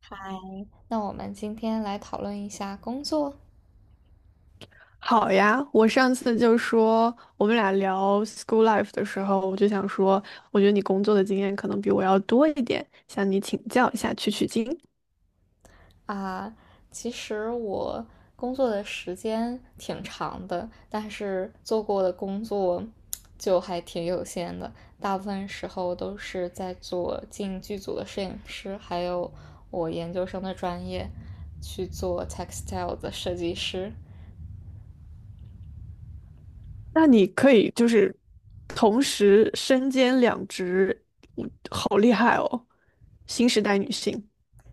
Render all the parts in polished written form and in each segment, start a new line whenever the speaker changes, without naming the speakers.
嗨，那我们今天来讨论一下工作
好呀，我上次就说我们俩聊 school life 的时候，我就想说，我觉得你工作的经验可能比我要多一点，向你请教一下，取取经。
啊。其实我工作的时间挺长的，但是做过的工作就还挺有限的，大部分时候都是在做进剧组的摄影师，还有我研究生的专业去做 textile 的设计师。
那你可以就是同时身兼两职，我好厉害哦！新时代女性，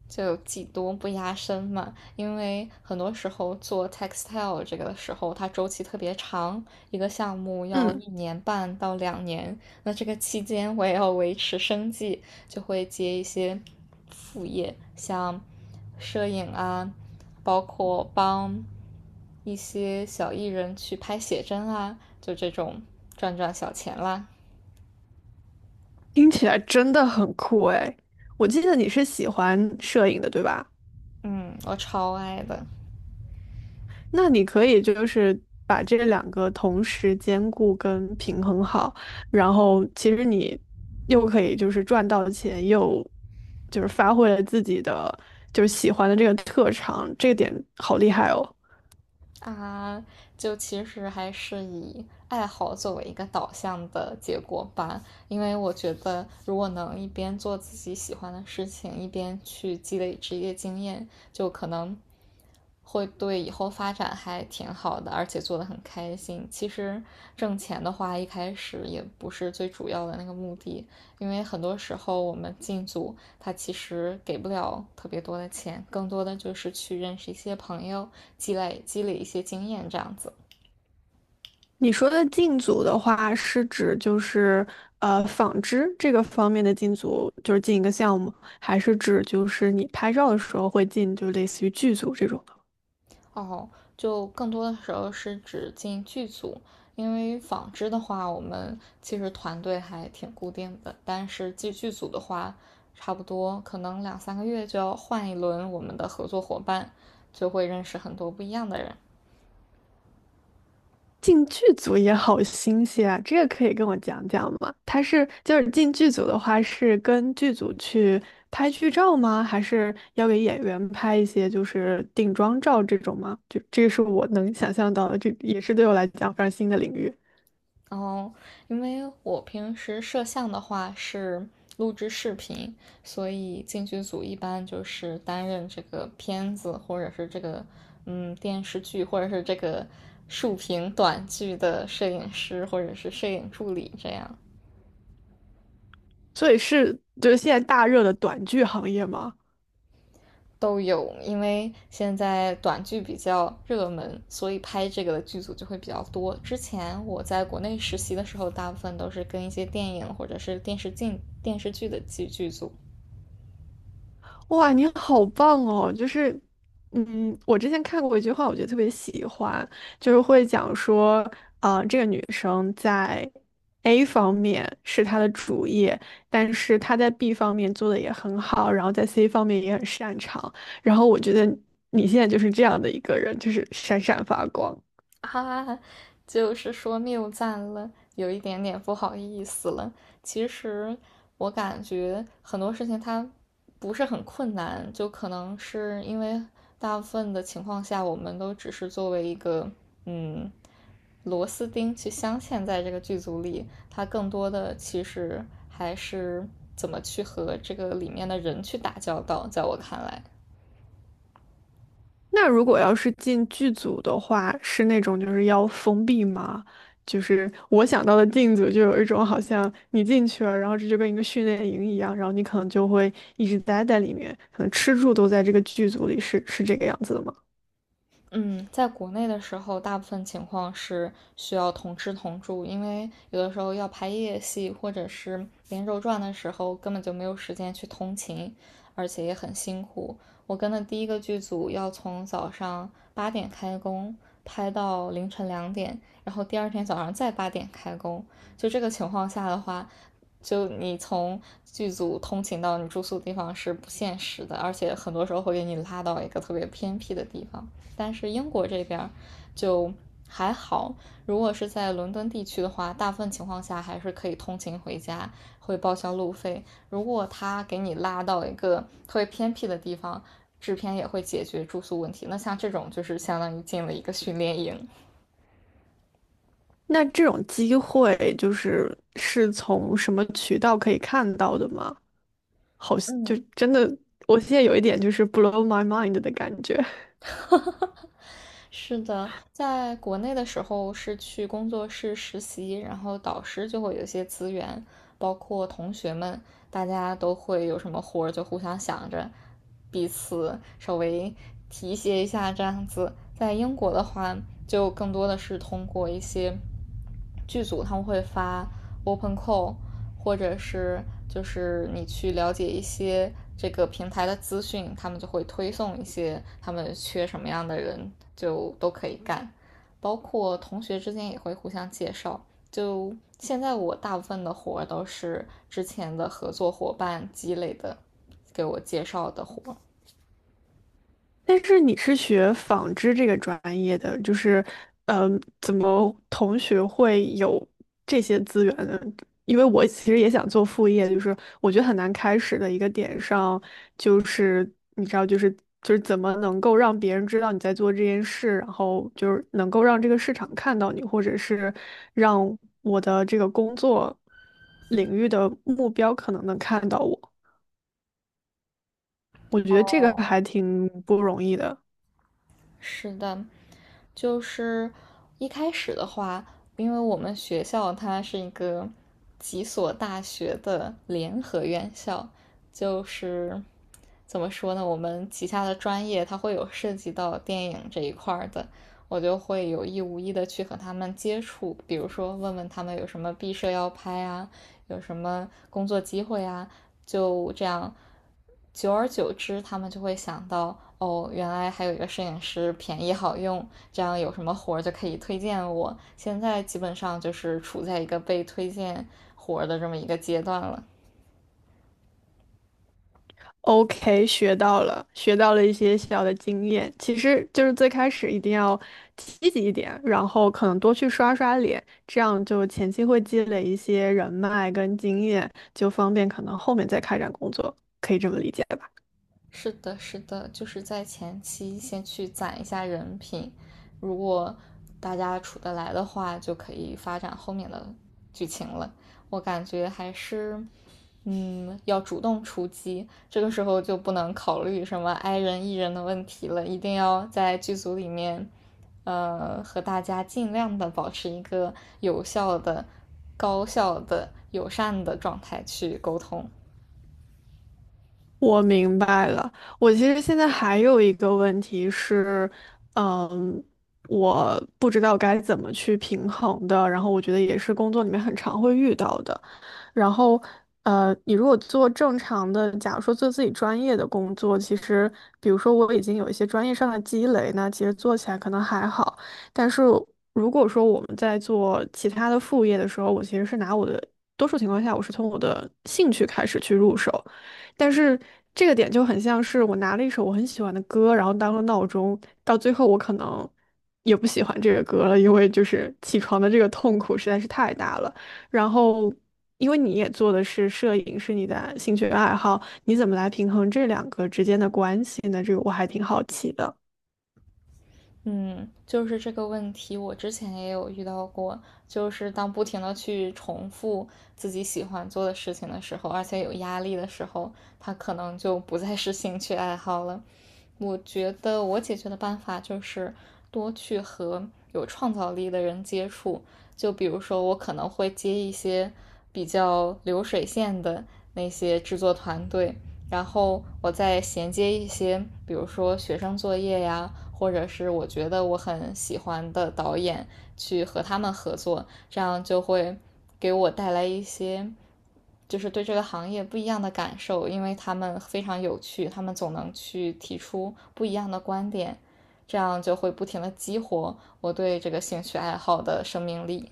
就技多不压身嘛，因为很多时候做 textile 这个的时候，它周期特别长，一个项目要
嗯，
1年半到2年，那这个期间我也要维持生计，就会接一些副业，像摄影啊，包括帮一些小艺人去拍写真啊，就这种赚赚小钱啦。
听起来真的很酷哎。我记得你是喜欢摄影的，对吧？
嗯，我超爱的。
那你可以就是把这两个同时兼顾跟平衡好，然后其实你又可以就是赚到钱，又就是发挥了自己的就是喜欢的这个特长，这点好厉害哦。
啊，就其实还是以爱好作为一个导向的结果吧，因为我觉得如果能一边做自己喜欢的事情，一边去积累职业经验，就可能会对以后发展还挺好的，而且做得很开心。其实挣钱的话，一开始也不是最主要的那个目的，因为很多时候我们进组，他其实给不了特别多的钱，更多的就是去认识一些朋友，积累积累一些经验这样子。
你说的进组的话，是指就是纺织这个方面的进组，就是进一个项目，还是指就是你拍照的时候会进，就类似于剧组这种？
哦，就更多的时候是指进剧组，因为纺织的话，我们其实团队还挺固定的，但是进剧组的话，差不多可能两三个月就要换一轮我们的合作伙伴，就会认识很多不一样的人。
进剧组也好新鲜啊，这个可以跟我讲讲吗？他是就是进剧组的话，是跟剧组去拍剧照吗？还是要给演员拍一些就是定妆照这种吗？就这个是我能想象到的，这也是对我来讲非常新的领域。
然后，因为我平时摄像的话是录制视频，所以进剧组一般就是担任这个片子或者是这个电视剧或者是这个竖屏短剧的摄影师或者是摄影助理这样
所以是就是现在大热的短剧行业吗？
都有。因为现在短剧比较热门，所以拍这个的剧组就会比较多。之前我在国内实习的时候，大部分都是跟一些电影或者是电视剧的剧组。
哇，你好棒哦！就是，嗯，我之前看过一句话，我觉得特别喜欢，就是会讲说，啊、这个女生在 A 方面是她的主业，但是她在 B 方面做的也很好，然后在 C 方面也很擅长。然后我觉得你现在就是这样的一个人，就是闪闪发光。
哈哈哈，就是说谬赞了，有一点点不好意思了。其实我感觉很多事情它不是很困难，就可能是因为大部分的情况下，我们都只是作为一个嗯螺丝钉去镶嵌在这个剧组里，它更多的其实还是怎么去和这个里面的人去打交道，在我看来。
那如果要是进剧组的话，是那种就是要封闭吗？就是我想到的进组就有一种好像你进去了，然后这就跟一个训练营一样，然后你可能就会一直待在里面，可能吃住都在这个剧组里，是这个样子的吗？
嗯，在国内的时候，大部分情况是需要同吃同住，因为有的时候要拍夜戏或者是连轴转的时候，根本就没有时间去通勤，而且也很辛苦。我跟的第一个剧组要从早上八点开工，拍到凌晨2点，然后第二天早上再八点开工。就这个情况下的话，就你从剧组通勤到你住宿的地方是不现实的，而且很多时候会给你拉到一个特别偏僻的地方。但是英国这边就还好，如果是在伦敦地区的话，大部分情况下还是可以通勤回家，会报销路费。如果他给你拉到一个特别偏僻的地方，制片也会解决住宿问题。那像这种就是相当于进了一个训练营。
那这种机会就是是从什么渠道可以看到的吗？好，
嗯，
就真的，我现在有一点就是 blow my mind 的感觉。
是的，在国内的时候是去工作室实习，然后导师就会有一些资源，包括同学们，大家都会有什么活儿就互相想着，彼此稍微提携一下这样子。在英国的话，就更多的是通过一些剧组，他们会发 open call，或者是就是你去了解一些这个平台的资讯，他们就会推送一些他们缺什么样的人，就都可以干。包括同学之间也会互相介绍。就现在我大部分的活都是之前的合作伙伴积累的，给我介绍的活。
但是你是学纺织这个专业的，就是，嗯，怎么同学会有这些资源呢？因为我其实也想做副业，就是我觉得很难开始的一个点上，就是你知道，就是怎么能够让别人知道你在做这件事，然后就是能够让这个市场看到你，或者是让我的这个工作领域的目标可能能看到我，我觉得这个
哦，
还挺不容易的。
是的，就是一开始的话，因为我们学校它是一个几所大学的联合院校，就是怎么说呢，我们旗下的专业它会有涉及到电影这一块的，我就会有意无意的去和他们接触，比如说问问他们有什么毕设要拍啊，有什么工作机会啊，就这样，久而久之，他们就会想到，哦，原来还有一个摄影师便宜好用，这样有什么活就可以推荐我。现在基本上就是处在一个被推荐活的这么一个阶段了。
OK，学到了，学到了一些小的经验。其实就是最开始一定要积极一点，然后可能多去刷刷脸，这样就前期会积累一些人脉跟经验，就方便可能后面再开展工作，可以这么理解吧？
是的，是的，就是在前期先去攒一下人品，如果大家处得来的话，就可以发展后面的剧情了。我感觉还是，要主动出击，这个时候就不能考虑什么 i 人 e 人的问题了，一定要在剧组里面，和大家尽量的保持一个有效的、高效的、友善的状态去沟通。
我明白了。我其实现在还有一个问题是，嗯，我不知道该怎么去平衡的。然后我觉得也是工作里面很常会遇到的。然后，你如果做正常的，假如说做自己专业的工作，其实比如说我已经有一些专业上的积累，那其实做起来可能还好。但是如果说我们在做其他的副业的时候，我其实是拿我的多数情况下，我是从我的兴趣开始去入手。但是这个点就很像是我拿了一首我很喜欢的歌，然后当了闹钟，到最后我可能也不喜欢这个歌了，因为就是起床的这个痛苦实在是太大了。然后，因为你也做的是摄影，是你的兴趣爱好，你怎么来平衡这两个之间的关系呢？这个我还挺好奇的。
嗯，就是这个问题，我之前也有遇到过。就是当不停的去重复自己喜欢做的事情的时候，而且有压力的时候，它可能就不再是兴趣爱好了。我觉得我解决的办法就是多去和有创造力的人接触。就比如说，我可能会接一些比较流水线的那些制作团队，然后我再衔接一些，比如说学生作业呀，或者是我觉得我很喜欢的导演去和他们合作，这样就会给我带来一些就是对这个行业不一样的感受，因为他们非常有趣，他们总能去提出不一样的观点，这样就会不停的激活我对这个兴趣爱好的生命力。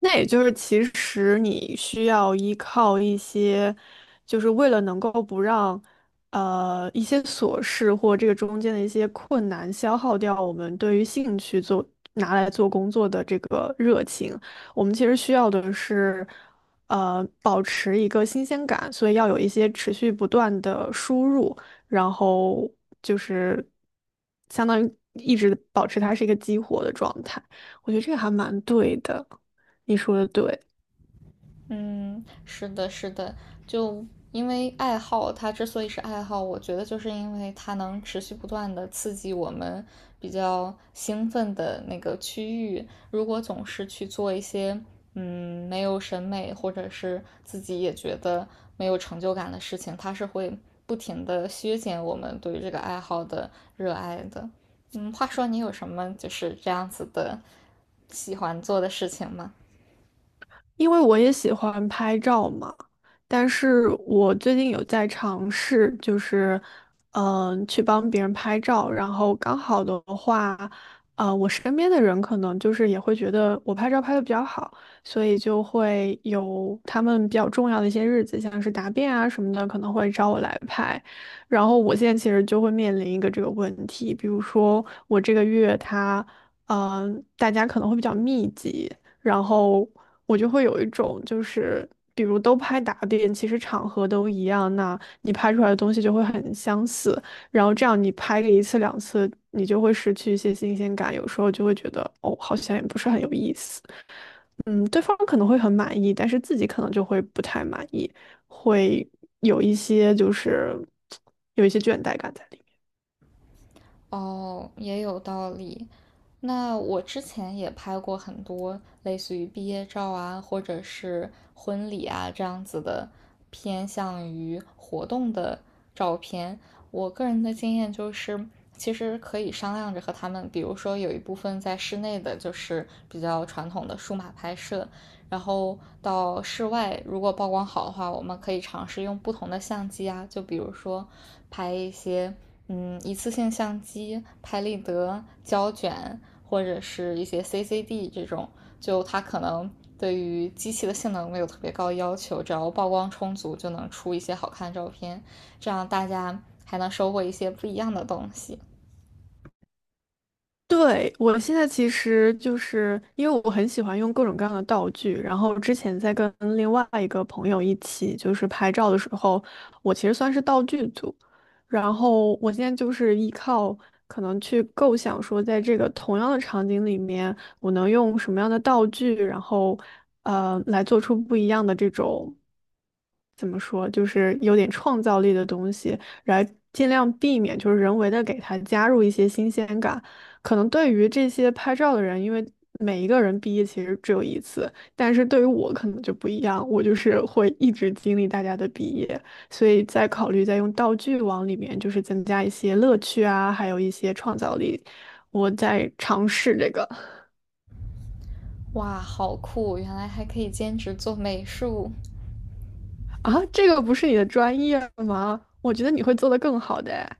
那也就是，其实你需要依靠一些，就是为了能够不让，一些琐事或这个中间的一些困难消耗掉我们对于兴趣做拿来做工作的这个热情。我们其实需要的是，保持一个新鲜感，所以要有一些持续不断的输入，然后就是相当于一直保持它是一个激活的状态。我觉得这个还蛮对的。你说的对，
嗯，是的，是的，就因为爱好，它之所以是爱好，我觉得就是因为它能持续不断的刺激我们比较兴奋的那个区域。如果总是去做一些没有审美或者是自己也觉得没有成就感的事情，它是会不停的削减我们对于这个爱好的热爱的。话说你有什么就是这样子的喜欢做的事情吗？
因为我也喜欢拍照嘛，但是我最近有在尝试，就是，嗯、去帮别人拍照，然后刚好的话，啊、我身边的人可能就是也会觉得我拍照拍的比较好，所以就会有他们比较重要的一些日子，像是答辩啊什么的，可能会找我来拍。然后我现在其实就会面临一个这个问题，比如说我这个月他，嗯、大家可能会比较密集。然后我就会有一种就是，比如都拍打点，其实场合都一样，那你拍出来的东西就会很相似，然后这样你拍个一次两次，你就会失去一些新鲜感，有时候就会觉得哦，好像也不是很有意思。嗯，对方可能会很满意，但是自己可能就会不太满意，会有一些就是有一些倦怠感在里面。
哦，也有道理。那我之前也拍过很多类似于毕业照啊，或者是婚礼啊这样子的，偏向于活动的照片。我个人的经验就是，其实可以商量着和他们，比如说有一部分在室内的，就是比较传统的数码拍摄，然后到室外，如果曝光好的话，我们可以尝试用不同的相机啊，就比如说拍一些一次性相机、拍立得、胶卷，或者是一些 CCD 这种，就它可能对于机器的性能没有特别高要求，只要曝光充足就能出一些好看的照片，这样大家还能收获一些不一样的东西。
对，我现在其实就是因为我很喜欢用各种各样的道具，然后之前在跟另外一个朋友一起就是拍照的时候，我其实算是道具组，然后我现在就是依靠可能去构想说，在这个同样的场景里面，我能用什么样的道具，然后来做出不一样的这种怎么说，就是有点创造力的东西，来尽量避免就是人为的给它加入一些新鲜感。可能对于这些拍照的人，因为每一个人毕业其实只有一次，但是对于我可能就不一样，我就是会一直经历大家的毕业，所以在考虑在用道具往里面就是增加一些乐趣啊，还有一些创造力。我在尝试这个
哇，好酷！原来还可以兼职做美术。
啊，这个不是你的专业吗？我觉得你会做得更好的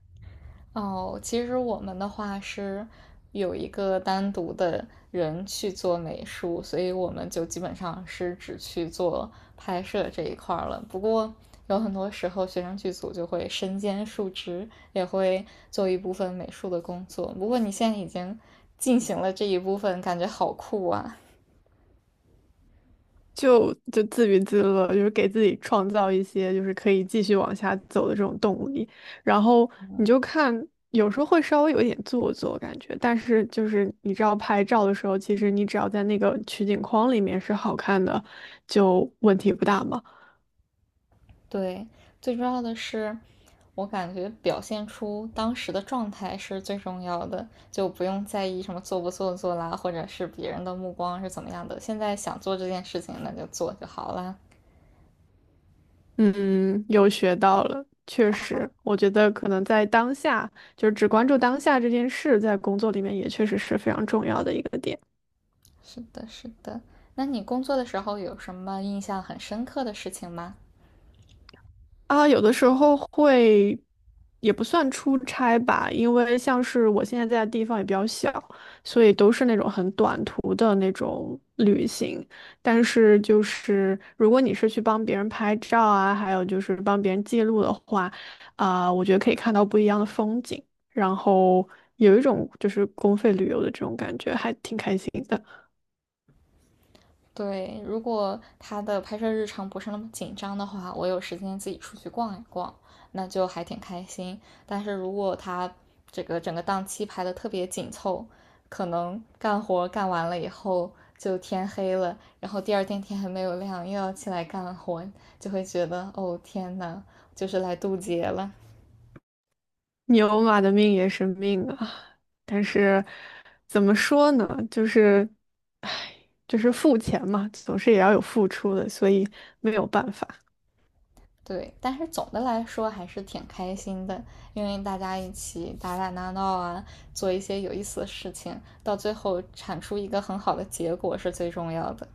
哦，其实我们的话是有一个单独的人去做美术，所以我们就基本上是只去做拍摄这一块了。不过有很多时候，学生剧组就会身兼数职，也会做一部分美术的工作。不过你现在已经进行了这一部分，感觉好酷啊！
就自娱自乐，就是给自己创造一些就是可以继续往下走的这种动力。然后你就看，有时候会稍微有一点做作感觉，但是就是你知道拍照的时候，其实你只要在那个取景框里面是好看的，就问题不大嘛。
对，最重要的是，我感觉表现出当时的状态是最重要的，就不用在意什么做不做作啦，或者是别人的目光是怎么样的。现在想做这件事情，那就做就好啦。
嗯，又学到了，确实，我觉得可能在当下，就是只关注当下这件事，在工作里面也确实是非常重要的一个点。
是的，是的。那你工作的时候有什么印象很深刻的事情吗？
啊，有的时候会，也不算出差吧，因为像是我现在在的地方也比较小，所以都是那种很短途的那种旅行。但是就是，如果你是去帮别人拍照啊，还有就是帮别人记录的话，啊、我觉得可以看到不一样的风景，然后有一种就是公费旅游的这种感觉，还挺开心的。
对，如果他的拍摄日常不是那么紧张的话，我有时间自己出去逛一逛，那就还挺开心。但是如果他这个整个档期排的特别紧凑，可能干活干完了以后就天黑了，然后第二天天还没有亮，又要起来干活，就会觉得哦天呐，就是来渡劫了。
牛马的命也是命啊，但是怎么说呢，就是，唉，就是付钱嘛，总是也要有付出的，所以没有办法。
对，但是总的来说还是挺开心的，因为大家一起打打闹闹啊，做一些有意思的事情，到最后产出一个很好的结果是最重要的。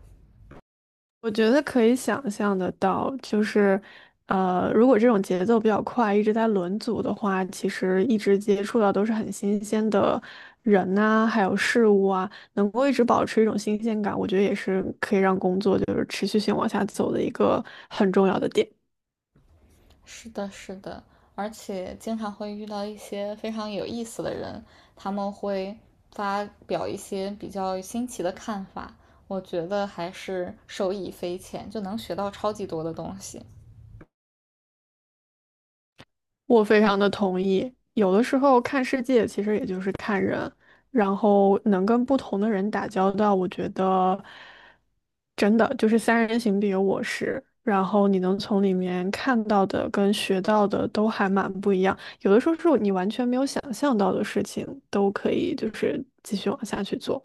我觉得可以想象得到，就是，如果这种节奏比较快，一直在轮组的话，其实一直接触到都是很新鲜的人呐、还有事物啊，能够一直保持一种新鲜感，我觉得也是可以让工作就是持续性往下走的一个很重要的点。
是的，是的，而且经常会遇到一些非常有意思的人，他们会发表一些比较新奇的看法，我觉得还是受益匪浅，就能学到超级多的东西。
我非常的同意。有的时候看世界，其实也就是看人，然后能跟不同的人打交道，我觉得真的就是三人行必有我师。然后你能从里面看到的跟学到的都还蛮不一样，有的时候是你完全没有想象到的事情，都可以就是继续往下去做。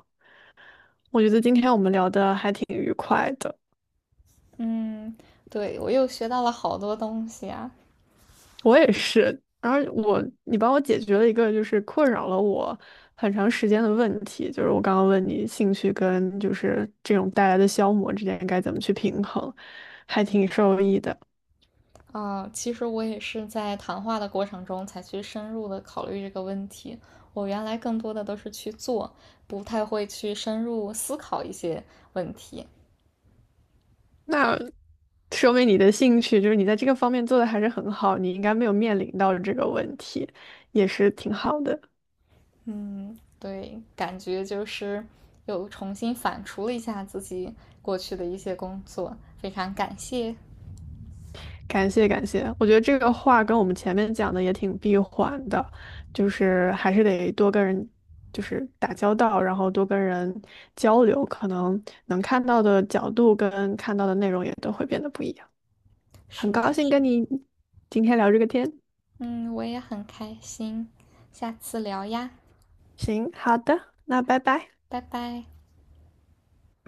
我觉得今天我们聊的还挺。
嗯，对，我又学到了好多东西啊。
我也是，然后我，你帮我解决了一个就是困扰了我很长时间的问题，就是我刚刚问你兴趣跟就是这种带来的消磨之间该怎么去平衡，还挺受益的。
啊，其实我也是在谈话的过程中才去深入的考虑这个问题。我原来更多的都是去做，不太会去深入思考一些问题。
那说明你的兴趣就是你在这个方面做的还是很好，你应该没有面临到这个问题，也是挺好的。
嗯，对，感觉就是又重新反刍了一下自己过去的一些工作，非常感谢。
感谢感谢，我觉得这个话跟我们前面讲的也挺闭环的，就是还是得多跟人就是打交道，然后多跟人交流，可能能看到的角度跟看到的内容也都会变得不一样。很
是
高
的，
兴
是
跟
的，
你今天聊这个天，
嗯，我也很开心，下次聊呀，
行，好的，那拜拜。
拜拜。